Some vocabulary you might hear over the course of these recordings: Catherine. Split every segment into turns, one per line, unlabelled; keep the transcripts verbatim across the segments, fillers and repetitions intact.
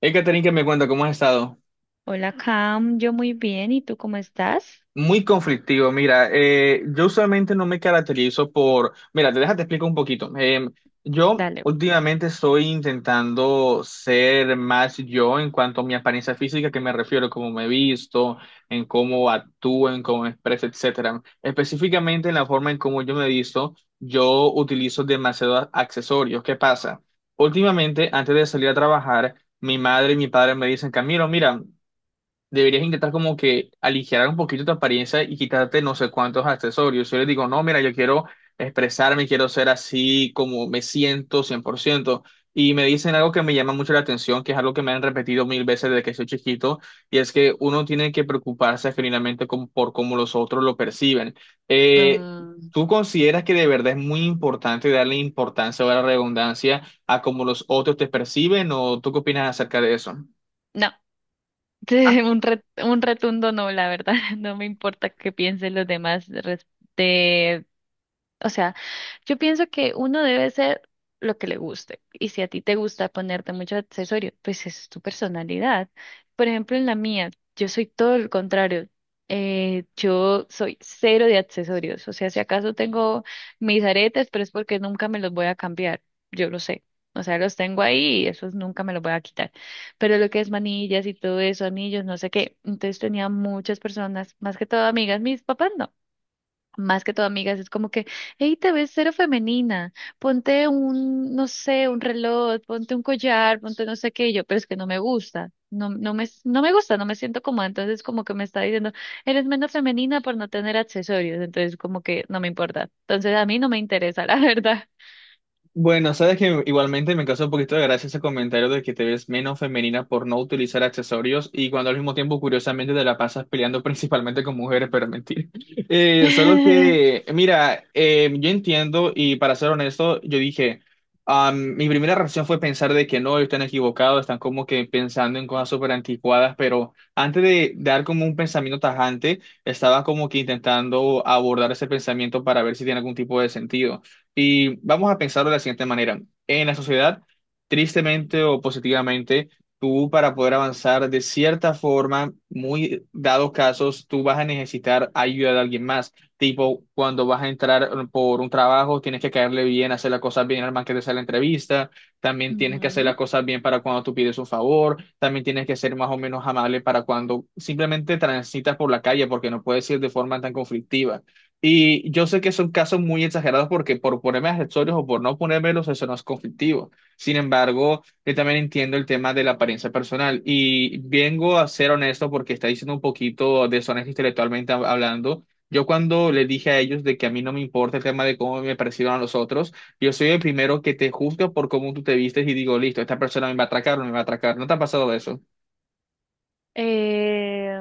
Hey, Catherine, que me cuenta cómo has estado.
Hola, Cam, yo muy bien, ¿y tú cómo estás?
Muy conflictivo, mira, eh, yo usualmente no me caracterizo por... Mira, te déjate explico un poquito. Eh, yo
Dale.
últimamente estoy intentando ser más yo en cuanto a mi apariencia física, que me refiero cómo me visto, en cómo actúo, en cómo me expreso, etcétera. Específicamente en la forma en cómo yo me visto, yo utilizo demasiados accesorios. ¿Qué pasa? Últimamente, antes de salir a trabajar, mi madre y mi padre me dicen, Camilo, mira, deberías intentar como que aligerar un poquito tu apariencia y quitarte no sé cuántos accesorios. Yo les digo, no, mira, yo quiero expresarme, quiero ser así como me siento cien por ciento. Y me dicen algo que me llama mucho la atención, que es algo que me han repetido mil veces desde que soy chiquito, y es que uno tiene que preocuparse genuinamente como- por cómo los otros lo perciben. Eh,
Mm,
¿tú consideras que de verdad es muy importante darle importancia o la redundancia a cómo los otros te perciben o tú qué opinas acerca de eso?
no. un, re- un rotundo no, la verdad. No me importa qué piensen los demás de, o sea, yo pienso que uno debe ser lo que le guste. Y si a ti te gusta ponerte mucho accesorio, pues es tu personalidad. Por ejemplo, en la mía, yo soy todo lo contrario. Eh, yo soy cero de accesorios. O sea, si acaso tengo mis aretes, pero es porque nunca me los voy a cambiar. Yo lo sé. O sea, los tengo ahí y esos nunca me los voy a quitar. Pero lo que es manillas y todo eso, anillos, no sé qué. Entonces tenía muchas personas, más que todo amigas, mis papás no más que todo amigas, es como que, hey, te ves cero femenina, ponte un, no sé, un reloj, ponte un collar, ponte no sé qué, y yo, pero es que no me gusta, no, no me, no me gusta, no me siento cómoda, entonces como que me está diciendo, eres menos femenina por no tener accesorios, entonces como que no me importa, entonces a mí no me interesa, la verdad.
Bueno, sabes que igualmente me causó un poquito de gracia ese comentario de que te ves menos femenina por no utilizar accesorios y cuando al mismo tiempo, curiosamente, te la pasas peleando principalmente con mujeres, pero mentir. Eh, solo que, mira, eh, yo entiendo y para ser honesto, yo dije, am, mi primera reacción fue pensar de que no, están equivocados, están como que pensando en cosas súper anticuadas, pero antes de dar como un pensamiento tajante, estaba como que intentando abordar ese pensamiento para ver si tiene algún tipo de sentido. Y vamos a pensarlo de la siguiente manera. En la sociedad, tristemente o positivamente, tú para poder avanzar de cierta forma, muy dados casos, tú vas a necesitar ayuda de alguien más. Tipo, cuando vas a entrar por un trabajo, tienes que caerle bien, hacer las cosas bien al más que te hacer la entrevista. También tienes que hacer
Ujú.
las cosas bien para cuando tú pides un favor. También tienes que ser más o menos amable para cuando simplemente transitas por la calle, porque no puedes ir de forma tan conflictiva. Y yo sé que son casos muy exagerados porque por ponerme accesorios o por no ponérmelos, eso no es conflictivo. Sin embargo, yo también entiendo el tema de la apariencia personal y vengo a ser honesto porque está diciendo un poquito deshonesto intelectualmente hab- hablando. Yo cuando le dije a ellos de que a mí no me importa el tema de cómo me perciban a los otros, yo soy el primero que te juzga por cómo tú te vistes y digo, listo, esta persona me va a atracar o no me va a atracar. ¿No te ha pasado eso?
Eh,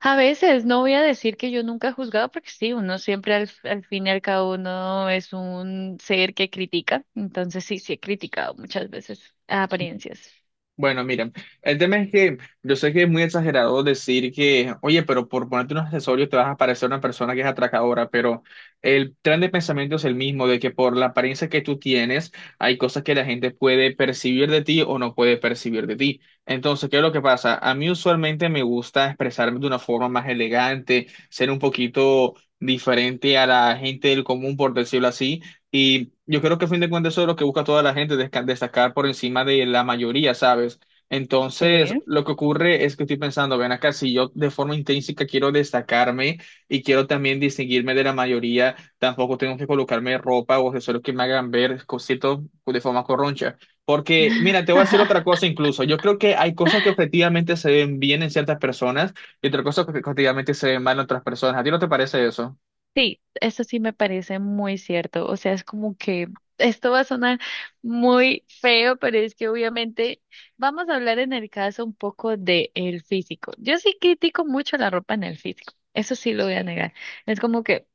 A veces no voy a decir que yo nunca he juzgado, porque sí, uno siempre al, al fin y al cabo uno es un ser que critica. Entonces sí, sí he criticado muchas veces apariencias.
Bueno, miren, el tema es que yo sé que es muy exagerado decir que, oye, pero por ponerte un accesorio te vas a parecer una persona que es atracadora, pero el tren de pensamiento es el mismo, de que por la apariencia que tú tienes, hay cosas que la gente puede percibir de ti o no puede percibir de ti. Entonces, ¿qué es lo que pasa? A mí usualmente me gusta expresarme de una forma más elegante, ser un poquito diferente a la gente del común, por decirlo así. Y yo creo que a fin de cuentas eso es lo que busca toda la gente, desca- destacar por encima de la mayoría, ¿sabes? Entonces,
Sí.
lo que ocurre es que estoy pensando, ven acá, si yo de forma intrínseca quiero destacarme y quiero también distinguirme de la mayoría, tampoco tengo que colocarme ropa o accesorios que me hagan ver cositos de forma corroncha. Porque, mira, te voy a decir otra cosa incluso. Yo creo que hay cosas que objetivamente se ven bien en ciertas personas y otras cosas que objetivamente se ven mal en otras personas. ¿A ti no te parece eso?
Sí, eso sí me parece muy cierto. O sea, es como que esto va a sonar muy feo, pero es que obviamente vamos a hablar en el caso un poco de el físico. Yo sí critico mucho la ropa en el físico. Eso sí lo voy a negar. Es como que,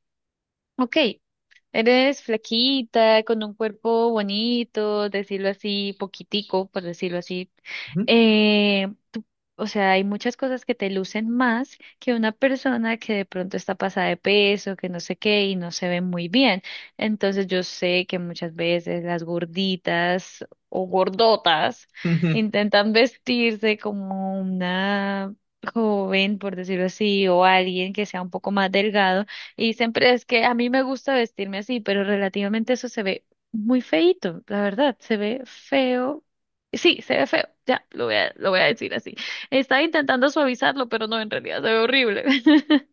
ok, eres flaquita, con un cuerpo bonito, decirlo así, poquitico, por decirlo así.
Ujú.
Eh, tú- o sea, hay muchas cosas que te lucen más que una persona que de pronto está pasada de peso, que no sé qué, y no se ve muy bien. Entonces yo sé que muchas veces las gorditas o gordotas intentan vestirse como una joven, por decirlo así, o alguien que sea un poco más delgado y siempre es que a mí me gusta vestirme así, pero relativamente eso se ve muy feíto, la verdad, se ve feo. Sí, se ve feo, ya, lo voy a, lo voy a decir así. Estaba intentando suavizarlo, pero no, en realidad se ve horrible.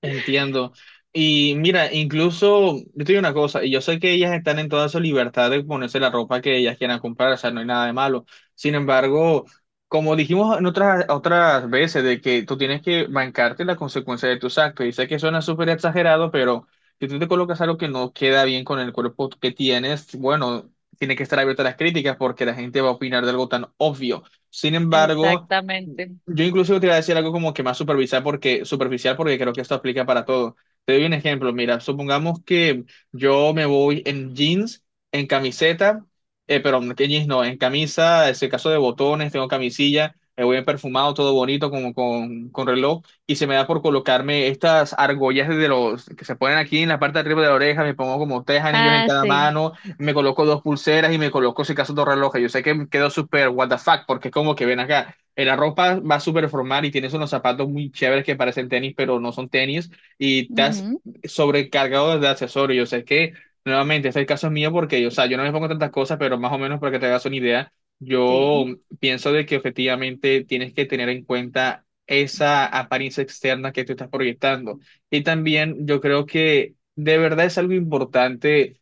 Entiendo. Y mira, incluso, yo te digo una cosa, y yo sé que ellas están en toda su libertad de ponerse la ropa que ellas quieran comprar, o sea, no hay nada de malo. Sin embargo, como dijimos en otras, otras veces, de que tú tienes que bancarte la consecuencia de tus actos, y sé que suena súper exagerado, pero si tú te colocas algo que no queda bien con el cuerpo que tienes, bueno, tiene que estar abierta a las críticas porque la gente va a opinar de algo tan obvio. Sin embargo...
Exactamente.
Yo incluso te iba a decir algo como que más superficial porque, superficial porque creo que esto aplica para todo. Te doy un ejemplo. Mira, supongamos que yo me voy en jeans, en camiseta, eh, pero en jeans no, en camisa, es el caso de botones, tengo camisilla, me voy en perfumado, todo bonito, como con, con reloj, y se me da por colocarme estas argollas de los que se ponen aquí en la parte de arriba de la oreja, me pongo como tres anillos en
Ah,
cada
sí.
mano, me coloco dos pulseras y me coloco, si acaso, dos relojes. Yo sé que quedó súper what the fuck, porque es como que ven acá, eh, la ropa va súper formal y tienes unos zapatos muy chéveres que parecen tenis, pero no son tenis, y estás
Ujú.
sobrecargado de accesorios. Yo sé que, nuevamente, este es el caso mío porque, o sea, yo no me pongo tantas cosas, pero más o menos para que te hagas una idea, yo
Sí,
pienso de que efectivamente tienes que tener en cuenta esa apariencia externa que tú estás proyectando. Y también yo creo que de verdad es algo importante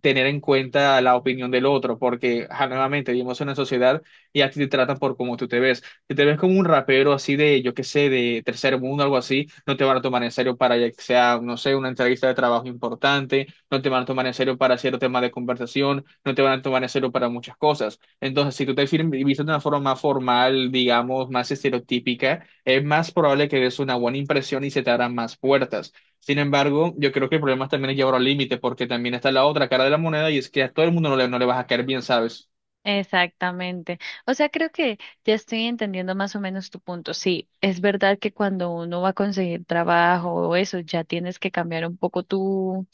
tener en cuenta la opinión del otro, porque ajá, nuevamente vivimos en una sociedad y a ti te tratan por cómo tú te ves. Si te ves como un rapero así de, yo qué sé, de tercer mundo, algo así, no te van a tomar en serio para ya que sea, no sé, una entrevista de trabajo importante, no te van a tomar en serio para cierto tema de conversación, no te van a tomar en serio para muchas cosas. Entonces, si tú te fir- vistes de una forma más formal, digamos, más estereotípica, es más probable que des una buena impresión y se te abran más puertas. Sin embargo, yo creo que el problema también es llevarlo al límite, porque también está la otra cara de la moneda y es que a todo el mundo no le, no le vas a caer bien, ¿sabes?
exactamente. O sea, creo que ya estoy entendiendo más o menos tu punto. Sí, es verdad que cuando uno va a conseguir trabajo o eso, ya tienes que cambiar un poco tú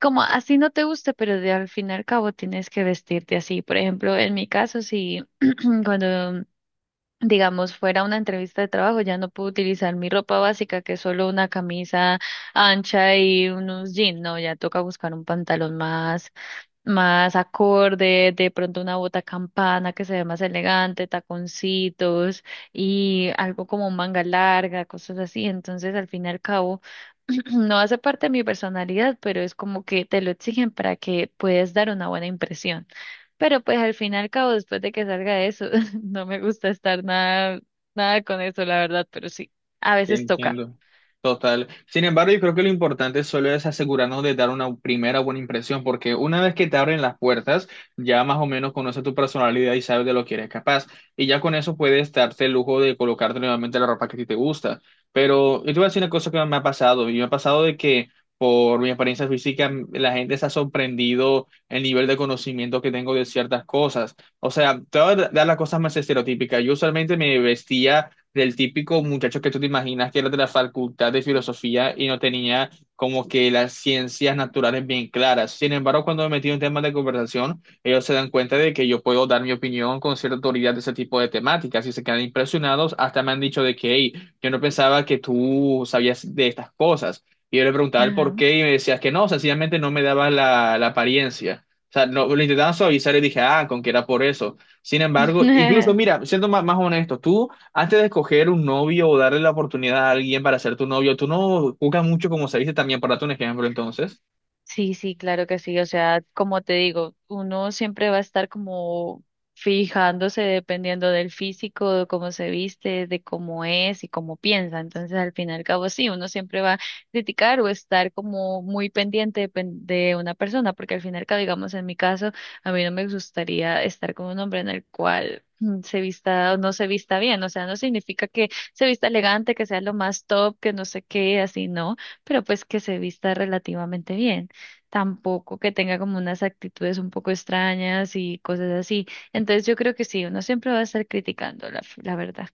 como así no te guste, pero de al fin y al cabo tienes que vestirte así. Por ejemplo, en mi caso, si cuando, digamos, fuera una entrevista de trabajo, ya no puedo utilizar mi ropa básica, que es solo una camisa ancha y unos jeans, no, ya toca buscar un pantalón más, más acorde, de pronto una bota campana que se ve más elegante, taconcitos y algo como manga larga, cosas así. Entonces, al fin y al cabo, no hace parte de mi personalidad, pero es como que te lo exigen para que puedas dar una buena impresión. Pero pues al fin y al cabo, después de que salga eso, no me gusta estar nada, nada con eso, la verdad, pero sí, a
Te
veces toca.
entiendo. Total. Sin embargo, yo creo que lo importante solo es asegurarnos de dar una primera buena impresión, porque una vez que te abren las puertas, ya más o menos conoces tu personalidad y sabes de lo que eres capaz. Y ya con eso puedes darte el lujo de colocarte nuevamente la ropa que a ti te gusta. Pero yo te voy a decir una cosa que me ha pasado, y me ha pasado de que por mi apariencia física, mm, la gente se ha sorprendido el nivel de conocimiento que tengo de ciertas cosas. O sea, te voy a dar las cosas más estereotípicas. Yo usualmente me vestía del típico muchacho que tú te imaginas que era de la facultad de filosofía y no tenía como que las ciencias naturales bien claras. Sin embargo, cuando me metí en temas de conversación, ellos se dan cuenta de que yo puedo dar mi opinión con cierta autoridad de ese tipo de temáticas y se quedan impresionados. Hasta me han dicho de que, hey, yo no pensaba que tú sabías de estas cosas. Y yo le preguntaba el por
Ajá.
qué y me decías que no, sencillamente no me dabas la, la apariencia. O sea, no, lo intentaban suavizar y dije, ah, con que era por eso. Sin embargo, incluso, mira, siendo más, más honesto, tú antes de escoger un novio o darle la oportunidad a alguien para ser tu novio, tú no buscas mucho, como se dice también, para darte un ejemplo, entonces.
Sí, sí, claro que sí. O sea, como te digo, uno siempre va a estar como fijándose dependiendo del físico, de cómo se viste, de cómo es y cómo piensa. Entonces, al fin y al cabo, sí, uno siempre va a criticar o estar como muy pendiente de, pen- de una persona, porque al fin y al cabo, digamos, en mi caso, a mí no me gustaría estar con un hombre en el cual mm, se vista o no se vista bien. O sea, no significa que se vista elegante, que sea lo más top, que no sé qué, así, no, pero pues que se vista relativamente bien, tampoco que tenga como unas actitudes un poco extrañas y cosas así. Entonces yo creo que sí, uno siempre va a estar criticando la, la verdad.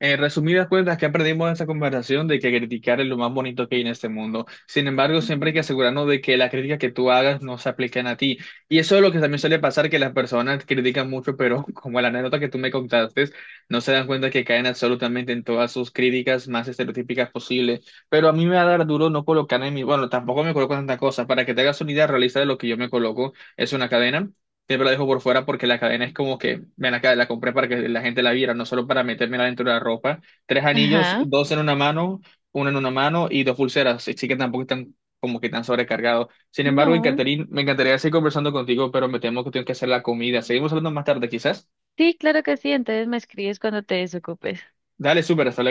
En resumidas cuentas, que aprendimos de esta conversación de que criticar es lo más bonito que hay en este mundo. Sin embargo, siempre hay que
Mm.
asegurarnos de que las críticas que tú hagas no se apliquen a ti. Y eso es lo que también suele pasar, que las personas critican mucho, pero como la anécdota que tú me contaste, no se dan cuenta que caen absolutamente en todas sus críticas más estereotípicas posibles. Pero a mí me va a dar duro no colocar en mi... Bueno, tampoco me coloco tanta cosa. Para que te hagas una idea realista de lo que yo me coloco, es una cadena, siempre la dejo por fuera porque la cadena es como que, ven acá, la compré para que la gente la viera, no solo para metérmela dentro de la ropa. Tres anillos,
Ajá,
dos en una mano, uno en una mano y dos pulseras, así que tampoco están como que tan sobrecargados. Sin embargo,
no.
Catherine, me encantaría seguir conversando contigo, pero me temo que tengo que hacer la comida. Seguimos hablando más tarde, quizás.
Sí, claro que sí, entonces me escribes cuando te desocupes.
Dale, súper, hasta luego.